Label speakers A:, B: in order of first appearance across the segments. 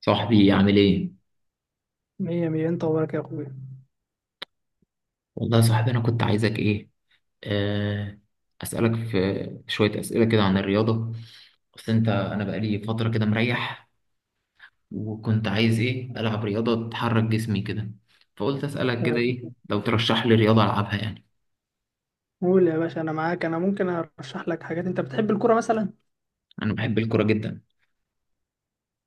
A: صاحبي عامل ايه؟
B: مية مية، انت وراك يا اخويا.
A: والله يا صاحبي انا كنت عايزك ايه؟ آه. اسألك في شوية اسئلة كده عن الرياضة. اصل انا بقالي فترة كده مريح، وكنت عايز ايه؟ العب رياضة تحرك جسمي كده. فقلت اسألك كده ايه؟ لو ترشح لي رياضة العبها يعني.
B: قول يا باشا، انا معاك. انا ممكن ارشح لك حاجات. انت بتحب الكرة مثلا؟
A: انا بحب الكورة جدا.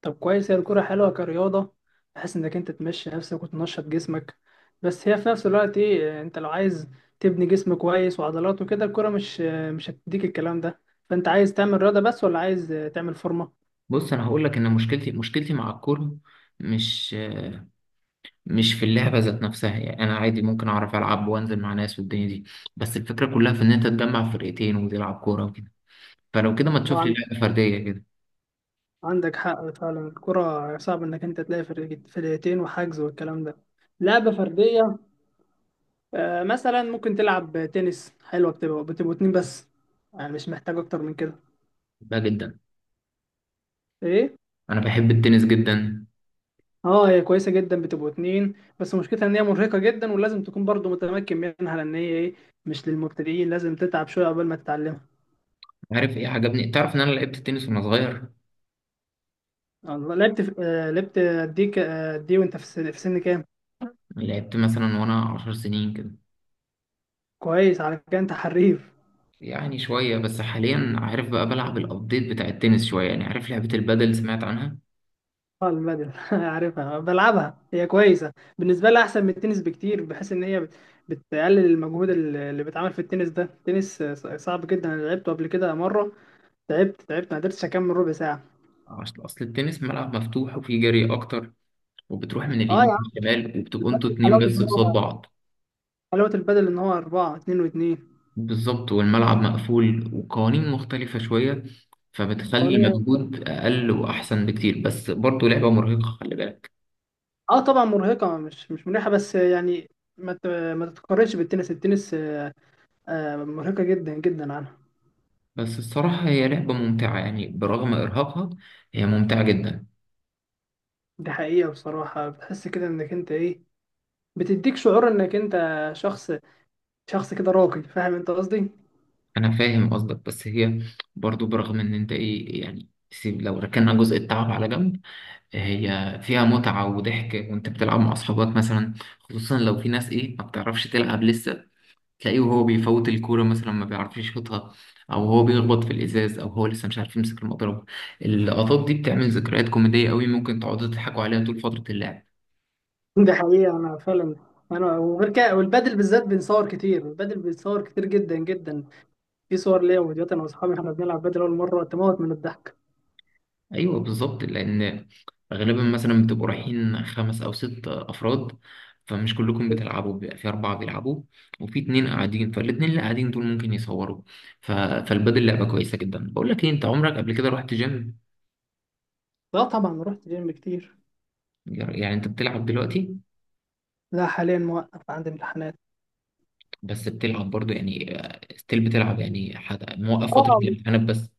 B: طب كويس، هي الكرة حلوة كرياضة، بحيث انك انت تمشي نفسك وتنشط جسمك. بس هي في نفس الوقت ايه، انت لو عايز تبني جسم كويس وعضلات وكده الكرة مش هتديك الكلام ده. فانت عايز تعمل رياضة بس ولا عايز تعمل فورمة؟
A: بص انا هقول لك ان مشكلتي مع الكورة مش آه، مش في اللعبة ذات نفسها، يعني انا عادي ممكن اعرف العب وانزل مع ناس والدنيا دي. بس الفكرة كلها في ان انت تجمع فرقتين وتلعب كورة وكده. فلو كده ما تشوف
B: طبعا،
A: لي لعبة فردية كده.
B: عندك حق فعلا. الكرة صعب انك انت تلاقي فرقتين وحجز والكلام ده. لعبة فردية، مثلا ممكن تلعب تنس. حلوة، بتبقوا اتنين بس، يعني مش محتاج اكتر من كده.
A: بحبها جدا.
B: ايه،
A: أنا بحب التنس جدا.
B: اه هي كويسة جدا، بتبقوا اتنين. بس مشكلتها ان هي مرهقة جدا، ولازم تكون برضو متمكن منها، لان هي ايه، مش للمبتدئين. لازم تتعب شوية قبل ما تتعلمها.
A: عارف إيه عجبني؟ تعرف إن أنا لعبت تنس وأنا صغير.
B: الله، لعبت. دي ك... آه، دي وانت في في سن كام؟
A: لعبت مثلا وأنا 10 سنين كده.
B: كويس، على كده انت حريف.
A: يعني شوية بس، حاليا. عارف بقى بلعب الأبديت بتاع التنس شوية، يعني عارف لعبة البادل، سمعت عنها؟
B: اه البادل، عارفها بلعبها، هي كويسه. بالنسبه لي احسن من التنس بكتير، بحيث ان هي بتقلل المجهود اللي بيتعمل في التنس ده. التنس صعب جدا، انا لعبته قبل كده مره. تعبت ما قدرتش اكمل ربع ساعه.
A: أصل التنس ملعب مفتوح وفيه جري أكتر، وبتروح من
B: اه يا
A: اليمين
B: عم،
A: للشمال وبتبقوا أنتوا
B: البادل
A: اتنين بس قصاد بعض.
B: حلاوه البادل ان هو اربعه، اتنين واتنين.
A: بالظبط، والملعب مقفول وقوانين مختلفة شوية، فبتخلي
B: وأنا-
A: مجهود أقل وأحسن بكتير، بس برضه لعبة مرهقة خلي بالك.
B: اه طبعا مرهقه، مش مريحه، بس يعني ما ت- ما تتقارنش بالتنس. التنس، مرهقه جدا جدا عنها.
A: بس الصراحة هي لعبة ممتعة، يعني برغم إرهاقها هي ممتعة جدا.
B: دي حقيقه، بصراحه بتحس كده انك انت ايه، بتديك شعور انك انت شخص شخص كده راقي، فاهم انت قصدي؟
A: أنا فاهم قصدك، بس هي برضو برغم إن أنت إيه يعني، سيب لو ركننا جزء التعب على جنب، هي فيها متعة وضحك وأنت بتلعب مع أصحابك مثلا. خصوصا لو في ناس إيه ما بتعرفش تلعب لسه، تلاقيه وهو بيفوت الكورة مثلا ما بيعرفش يشوطها، أو هو بيخبط في الإزاز، أو هو لسه مش عارف يمسك المضرب. اللقطات دي بتعمل ذكريات كوميدية قوي، ممكن تقعدوا تضحكوا عليها طول فترة اللعب.
B: دي حقيقة، أنا فعلا. أنا وغير كده والبادل بالذات بنصور كتير. البادل بنصور كتير جدا جدا. في صور ليا وفيديوهات أنا وأصحابي إحنا بنلعب بادل أول مرة، تموت من الضحك.
A: ايوه بالظبط، لان غالبا مثلا بتبقوا رايحين خمس او ست افراد، فمش كلكم بتلعبوا، بيبقى في اربعه بيلعبوا وفي اتنين قاعدين، فالاتنين اللي قاعدين دول ممكن يصوروا. فالبدل لعبه كويسه جدا. بقول لك ايه، انت عمرك قبل كده رحت جيم؟
B: لا طبعا، رحت جيم كتير.
A: يعني انت بتلعب دلوقتي؟
B: لا، حاليا موقف، عندي امتحانات.
A: بس بتلعب برضو يعني، ستيل بتلعب يعني، حد موقف فتره
B: اه،
A: الامتحانات بس.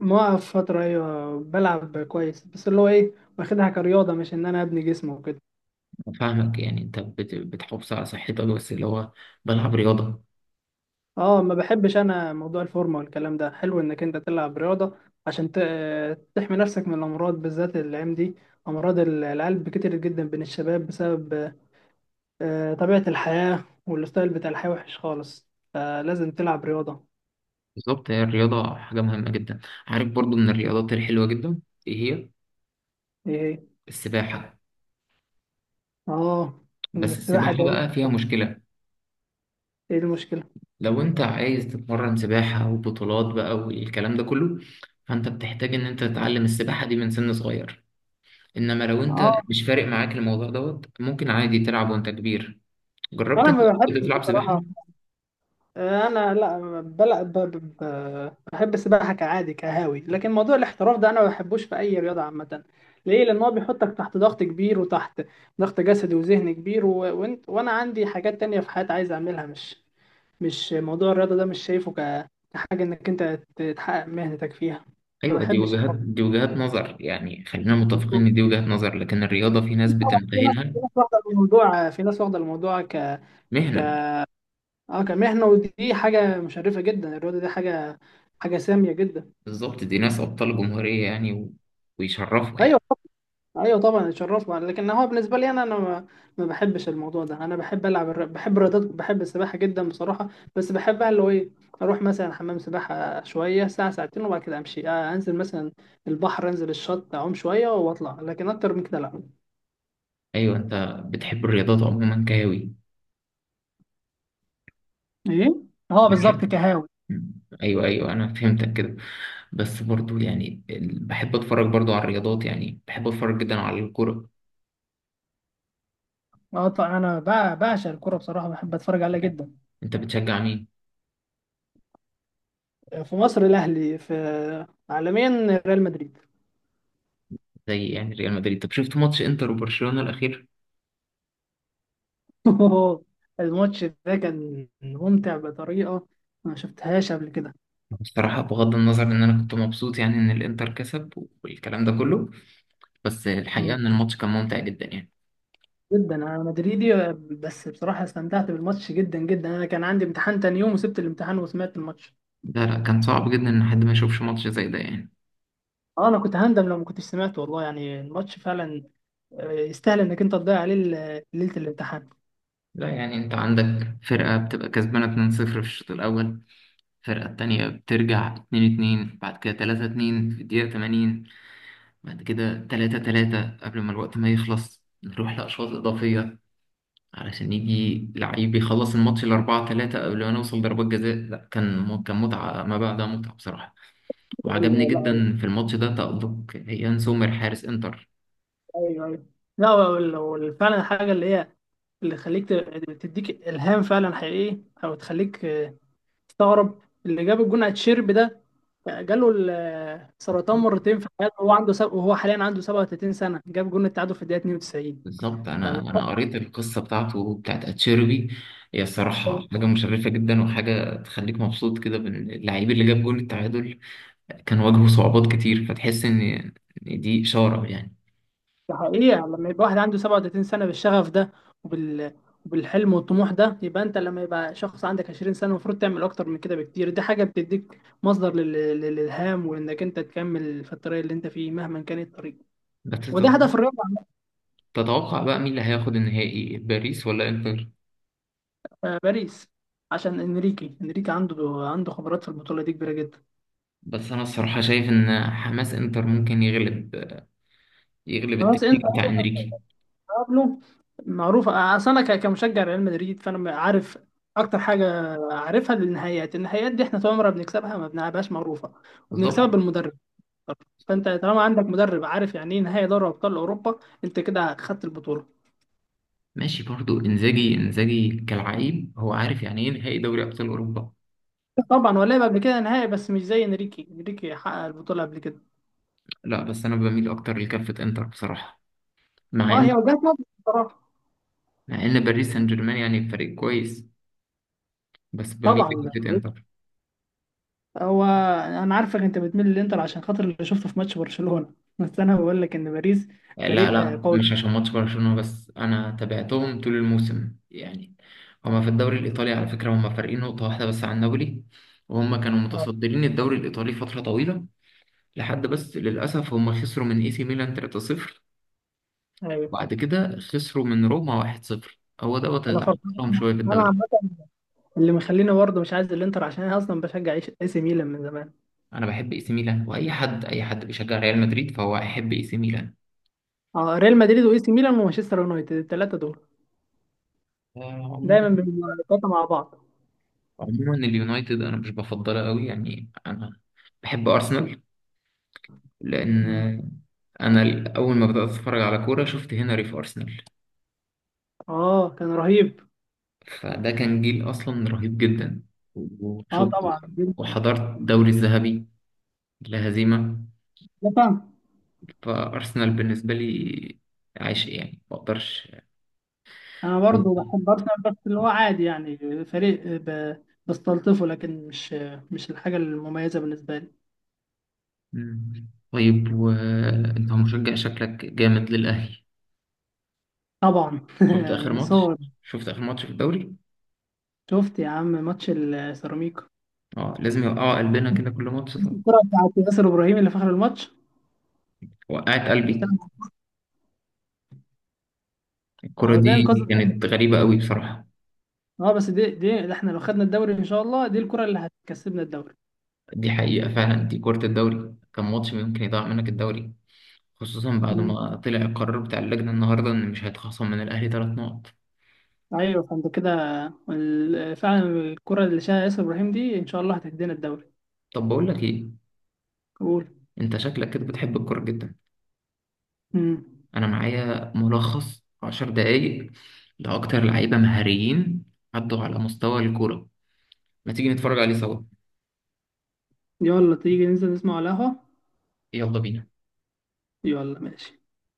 B: موقف فترة، أيوة بلعب كويس، بس اللي هو إيه، واخدها كرياضة، مش إن أنا أبني جسم وكده.
A: فاهمك، يعني انت بتحافظ على صحتك، بس اللي هو بلعب رياضه.
B: اه، ما بحبش انا موضوع الفورمه والكلام ده. حلو انك انت تلعب رياضه عشان تحمي نفسك من الامراض، بالذات الايام دي. امراض القلب كتير جدا بين الشباب، بسبب طبيعه الحياه، والستايل بتاع الحياه وحش خالص. فلازم تلعب رياضه.
A: بالظبط، هي الرياضة حاجة مهمة جدا. عارف برضو من الرياضات الحلوة جدا، ايه هي؟
B: ايه.
A: السباحة.
B: اه. ان
A: بس
B: السباحه
A: السباحة
B: ده،
A: بقى فيها مشكلة.
B: ايه المشكله؟
A: لو انت عايز تتمرن سباحة وبطولات بقى والكلام ده كله، فانت بتحتاج ان انت تتعلم السباحة دي من سن صغير. انما لو انت
B: اه،
A: مش فارق معاك الموضوع دوت، ممكن عادي تلعب وانت كبير. جربت
B: انا
A: انت
B: ما
A: قبل كده
B: بحبش
A: تلعب سباحة؟
B: بصراحه. انا لا بلا ب... ب... ب- بحب السباحه كعادي كهاوي، لكن موضوع الاحتراف ده انا ما بحبوش في اي رياضه عامه. ليه؟ لان هو بيحطك تحت ضغط كبير، وتحت ضغط جسدي وذهني كبير، وانا عندي حاجات تانية في حياتي عايز اعملها. مش موضوع الرياضه ده مش شايفه كحاجه انك انت تحقق مهنتك فيها. ما
A: ايوه، دي
B: بحبش
A: وجهات
B: الحوار
A: دي وجهات نظر يعني، خلينا متفقين
B: ده.
A: ان دي وجهات نظر، لكن الرياضة في ناس
B: في ناس
A: بتمتهنها
B: في ناس واخده الموضوع في ناس واخده الموضوع
A: مهنة.
B: اه كمهنه، ودي حاجه مشرفه جدا. الرياضه دي حاجه، حاجه ساميه جدا.
A: بالظبط، دي ناس أبطال جمهورية يعني، ويشرفوا يعني.
B: ايوه، ايوه طبعا، اتشرفنا. لكن هو بالنسبه لي انا، انا ما بحبش الموضوع ده. انا بحب العب بحب الرياضات. بحب السباحه جدا بصراحه، بس بحبها اللي هو ايه، اروح مثلا حمام سباحه شويه، ساعه ساعتين، وبعد كده امشي. انزل مثلا البحر، انزل الشط، اعوم شويه واطلع، لكن اكتر من كده لا.
A: أيوة، أنت بتحب الرياضات عموما كهوي.
B: ايه. اه
A: بتحب.
B: بالظبط، كهاوي.
A: مم. أيوة أيوة، أنا فهمتك كده. بس برضو يعني بحب أتفرج برضو على الرياضات، يعني بحب أتفرج جدا على الكرة.
B: اه طبعا، انا بعشق الكوره بصراحه، بحب اتفرج عليها
A: يعني
B: جدا.
A: أنت بتشجع مين؟
B: في مصر الاهلي، في عالميا ريال مدريد.
A: زي يعني ريال مدريد، طب شفت ماتش إنتر وبرشلونة الأخير؟
B: أوه، الماتش ده كان ممتع بطريقه ما شفتهاش قبل كده.
A: بصراحة بغض النظر إن أنا كنت مبسوط يعني إن الإنتر كسب والكلام ده كله، بس الحقيقة
B: مم.
A: إن الماتش كان ممتع جدا يعني.
B: جدا انا مدريدي، بس بصراحه استمتعت بالماتش جدا جدا. انا كان عندي امتحان تاني يوم، وسبت الامتحان وسمعت الماتش.
A: لا لا، كان صعب جدا إن حد ما يشوفش ماتش زي ده يعني.
B: اه، انا كنت هندم لو ما كنتش سمعت، والله يعني. الماتش فعلا يستاهل انك انت تضيع عليه ليله الامتحان.
A: لا يعني انت عندك فرقة بتبقى كسبانة 2-0 في الشوط الأول، الفرقة التانية بترجع 2-2، بعد كده 3-2 في الدقيقة 80، بعد كده 3-3 قبل ما الوقت ما يخلص، نروح لأشواط إضافية علشان يجي لعيب يخلص الماتش ل 4-3 قبل ما نوصل ضربات جزاء. لا، كان متعة ما بعدها متعة بصراحة. وعجبني
B: لا.
A: جدا في الماتش ده تألق يان سومر حارس انتر.
B: ايوه، ايوه. لا فعلا الحاجه اللي هي اللي تخليك تديك الهام فعلا حقيقي، او تخليك تستغرب اللي جاب الجون على تشيرب ده. جاله السرطان مرتين في حياته، وهو عنده وهو حاليا عنده 37 سنه، جاب جون التعادل في الدقيقه 92.
A: بالظبط،
B: فاهم؟
A: انا قريت القصه بتاعت اتشيربي. هي الصراحه حاجه مشرفه جدا، وحاجه تخليك مبسوط كده باللعيب اللي جاب جول التعادل، كان واجهه صعوبات كتير، فتحس ان إن دي اشاره يعني.
B: ده حقيقة، لما يبقى واحد عنده 37 سنة بالشغف ده وبال... وبالحلم والطموح ده، يبقى انت لما يبقى شخص عندك 20 سنة المفروض تعمل اكتر من كده بكتير. دي حاجة بتديك مصدر للالهام، وانك انت تكمل في الطريق اللي انت فيه مهما كان الطريق.
A: بس
B: وده
A: تتوقع
B: هدف الرابع.
A: تتوقع بقى مين اللي هياخد النهائي، باريس ولا انتر؟
B: باريس. عشان انريكي عنده خبرات في البطولة دي كبيرة جدا.
A: بس انا الصراحه شايف ان حماس انتر ممكن يغلب
B: خلاص.
A: التكتيك بتاع انريكي.
B: بابلو معروف. اصل انا كمشجع ريال مدريد، فانا عارف. اكتر حاجه عارفها للنهائيات، النهائيات دي احنا طول عمرنا بنكسبها ما بنلعبهاش. معروفه، وبنكسبها
A: بالظبط.
B: بالمدرب. فانت طالما عندك مدرب عارف يعني ايه نهائي دوري ابطال اوروبا، انت كده خدت البطوله.
A: ماشي برضو، انزاجي كالعيب هو عارف يعني ايه نهائي دوري ابطال اوروبا.
B: طبعا هو لعب قبل كده نهائي، بس مش زي انريكي. انريكي حقق البطوله قبل كده.
A: لا، بس انا بميل اكتر لكفه انتر بصراحه. مع
B: اه
A: ان
B: هي وجهه نظر بصراحه.
A: مع ان باريس سان جيرمان يعني فريق كويس، بس بميل
B: طبعا ده،
A: لفكره انتر.
B: هو، انا عارفك انت بتميل للانتر عشان خاطر اللي شفته في ماتش برشلونه. بس انا بقول لك ان باريس
A: يعني لا
B: فريق
A: لا،
B: قوي.
A: مش عشان ماتش برشلونه، بس انا تابعتهم طول الموسم يعني. هما في الدوري الايطالي على فكره هما فارقين نقطه واحده بس عن نابولي، وهما كانوا متصدرين الدوري الايطالي فتره طويله لحد، بس للاسف هما خسروا من اي سي ميلان 3-0،
B: أيوة.
A: وبعد كده خسروا من روما 1-0. هو دوت
B: انا
A: اللي
B: فرحان،
A: حصلهم شويه في
B: انا
A: الدوري.
B: عامه، اللي مخليني برضه مش عايز الانتر عشان انا اصلا بشجع اي إي سي ميلان من زمان.
A: انا بحب اي سي ميلان، واي حد اي حد بيشجع ريال مدريد فهو هيحب اي سي
B: اه، ريال مدريد واي سي ميلان ومانشستر يونايتد، الثلاثه دول دايما
A: ميلان.
B: بيبقوا التلاتة مع بعض.
A: عموما اليونايتد انا مش بفضلها قوي، يعني انا بحب ارسنال، لان
B: مم.
A: انا اول ما بدات اتفرج على كوره شفت هنري في ارسنال.
B: اه كان رهيب.
A: فده كان جيل اصلا رهيب جدا.
B: اه
A: وشفت
B: طبعا جداً.
A: وحضرت الدوري الذهبي لا هزيمه.
B: لا طبعا.
A: فارسنال بالنسبه لي عشق يعني ما اقدرش.
B: انا برضه بحب ارسنال، بس اللي هو عادي، يعني فريق بستلطفه، لكن مش الحاجه المميزه بالنسبه لي.
A: مم. طيب وانت مشجع شكلك جامد للاهلي.
B: طبعا
A: شفت اخر
B: من
A: ماتش
B: صغري.
A: شفت اخر ماتش في الدوري؟
B: شفت يا عم ماتش السيراميكا؟
A: اه، لازم يوقعوا قلبنا كده كل ماتش.
B: الكره بتاعت ياسر ابراهيم اللي في اخر الماتش.
A: وقعت قلبي، الكرة
B: اهو ده
A: دي
B: انقاذ.
A: كانت غريبة قوي بصراحة.
B: اه بس دي ده احنا لو خدنا الدوري ان شاء الله، دي الكرة اللي هتكسبنا الدوري.
A: دي حقيقة فعلا، دي كرة الدوري، كان ماتش ممكن يضيع منك الدوري، خصوصا بعد
B: مم.
A: ما طلع القرار بتاع اللجنة النهاردة إن مش هيتخصم من الأهلي 3 نقط.
B: ايوه، فانت كده فعلا الكرة اللي شاها ياسر ابراهيم دي ان شاء الله هتدينا الدوري.
A: طب بقول لك إيه،
B: قول.
A: أنت شكلك كده بتحب الكورة جدا.
B: مم.
A: أنا معايا ملخص 10 دقايق لأكتر لعيبة مهاريين عدوا على مستوى الكورة، ما تيجي نتفرج عليه سوا؟
B: يلا، تيجي ننزل نسمع على القهوة.
A: يلا بينا.
B: يلا ماشي.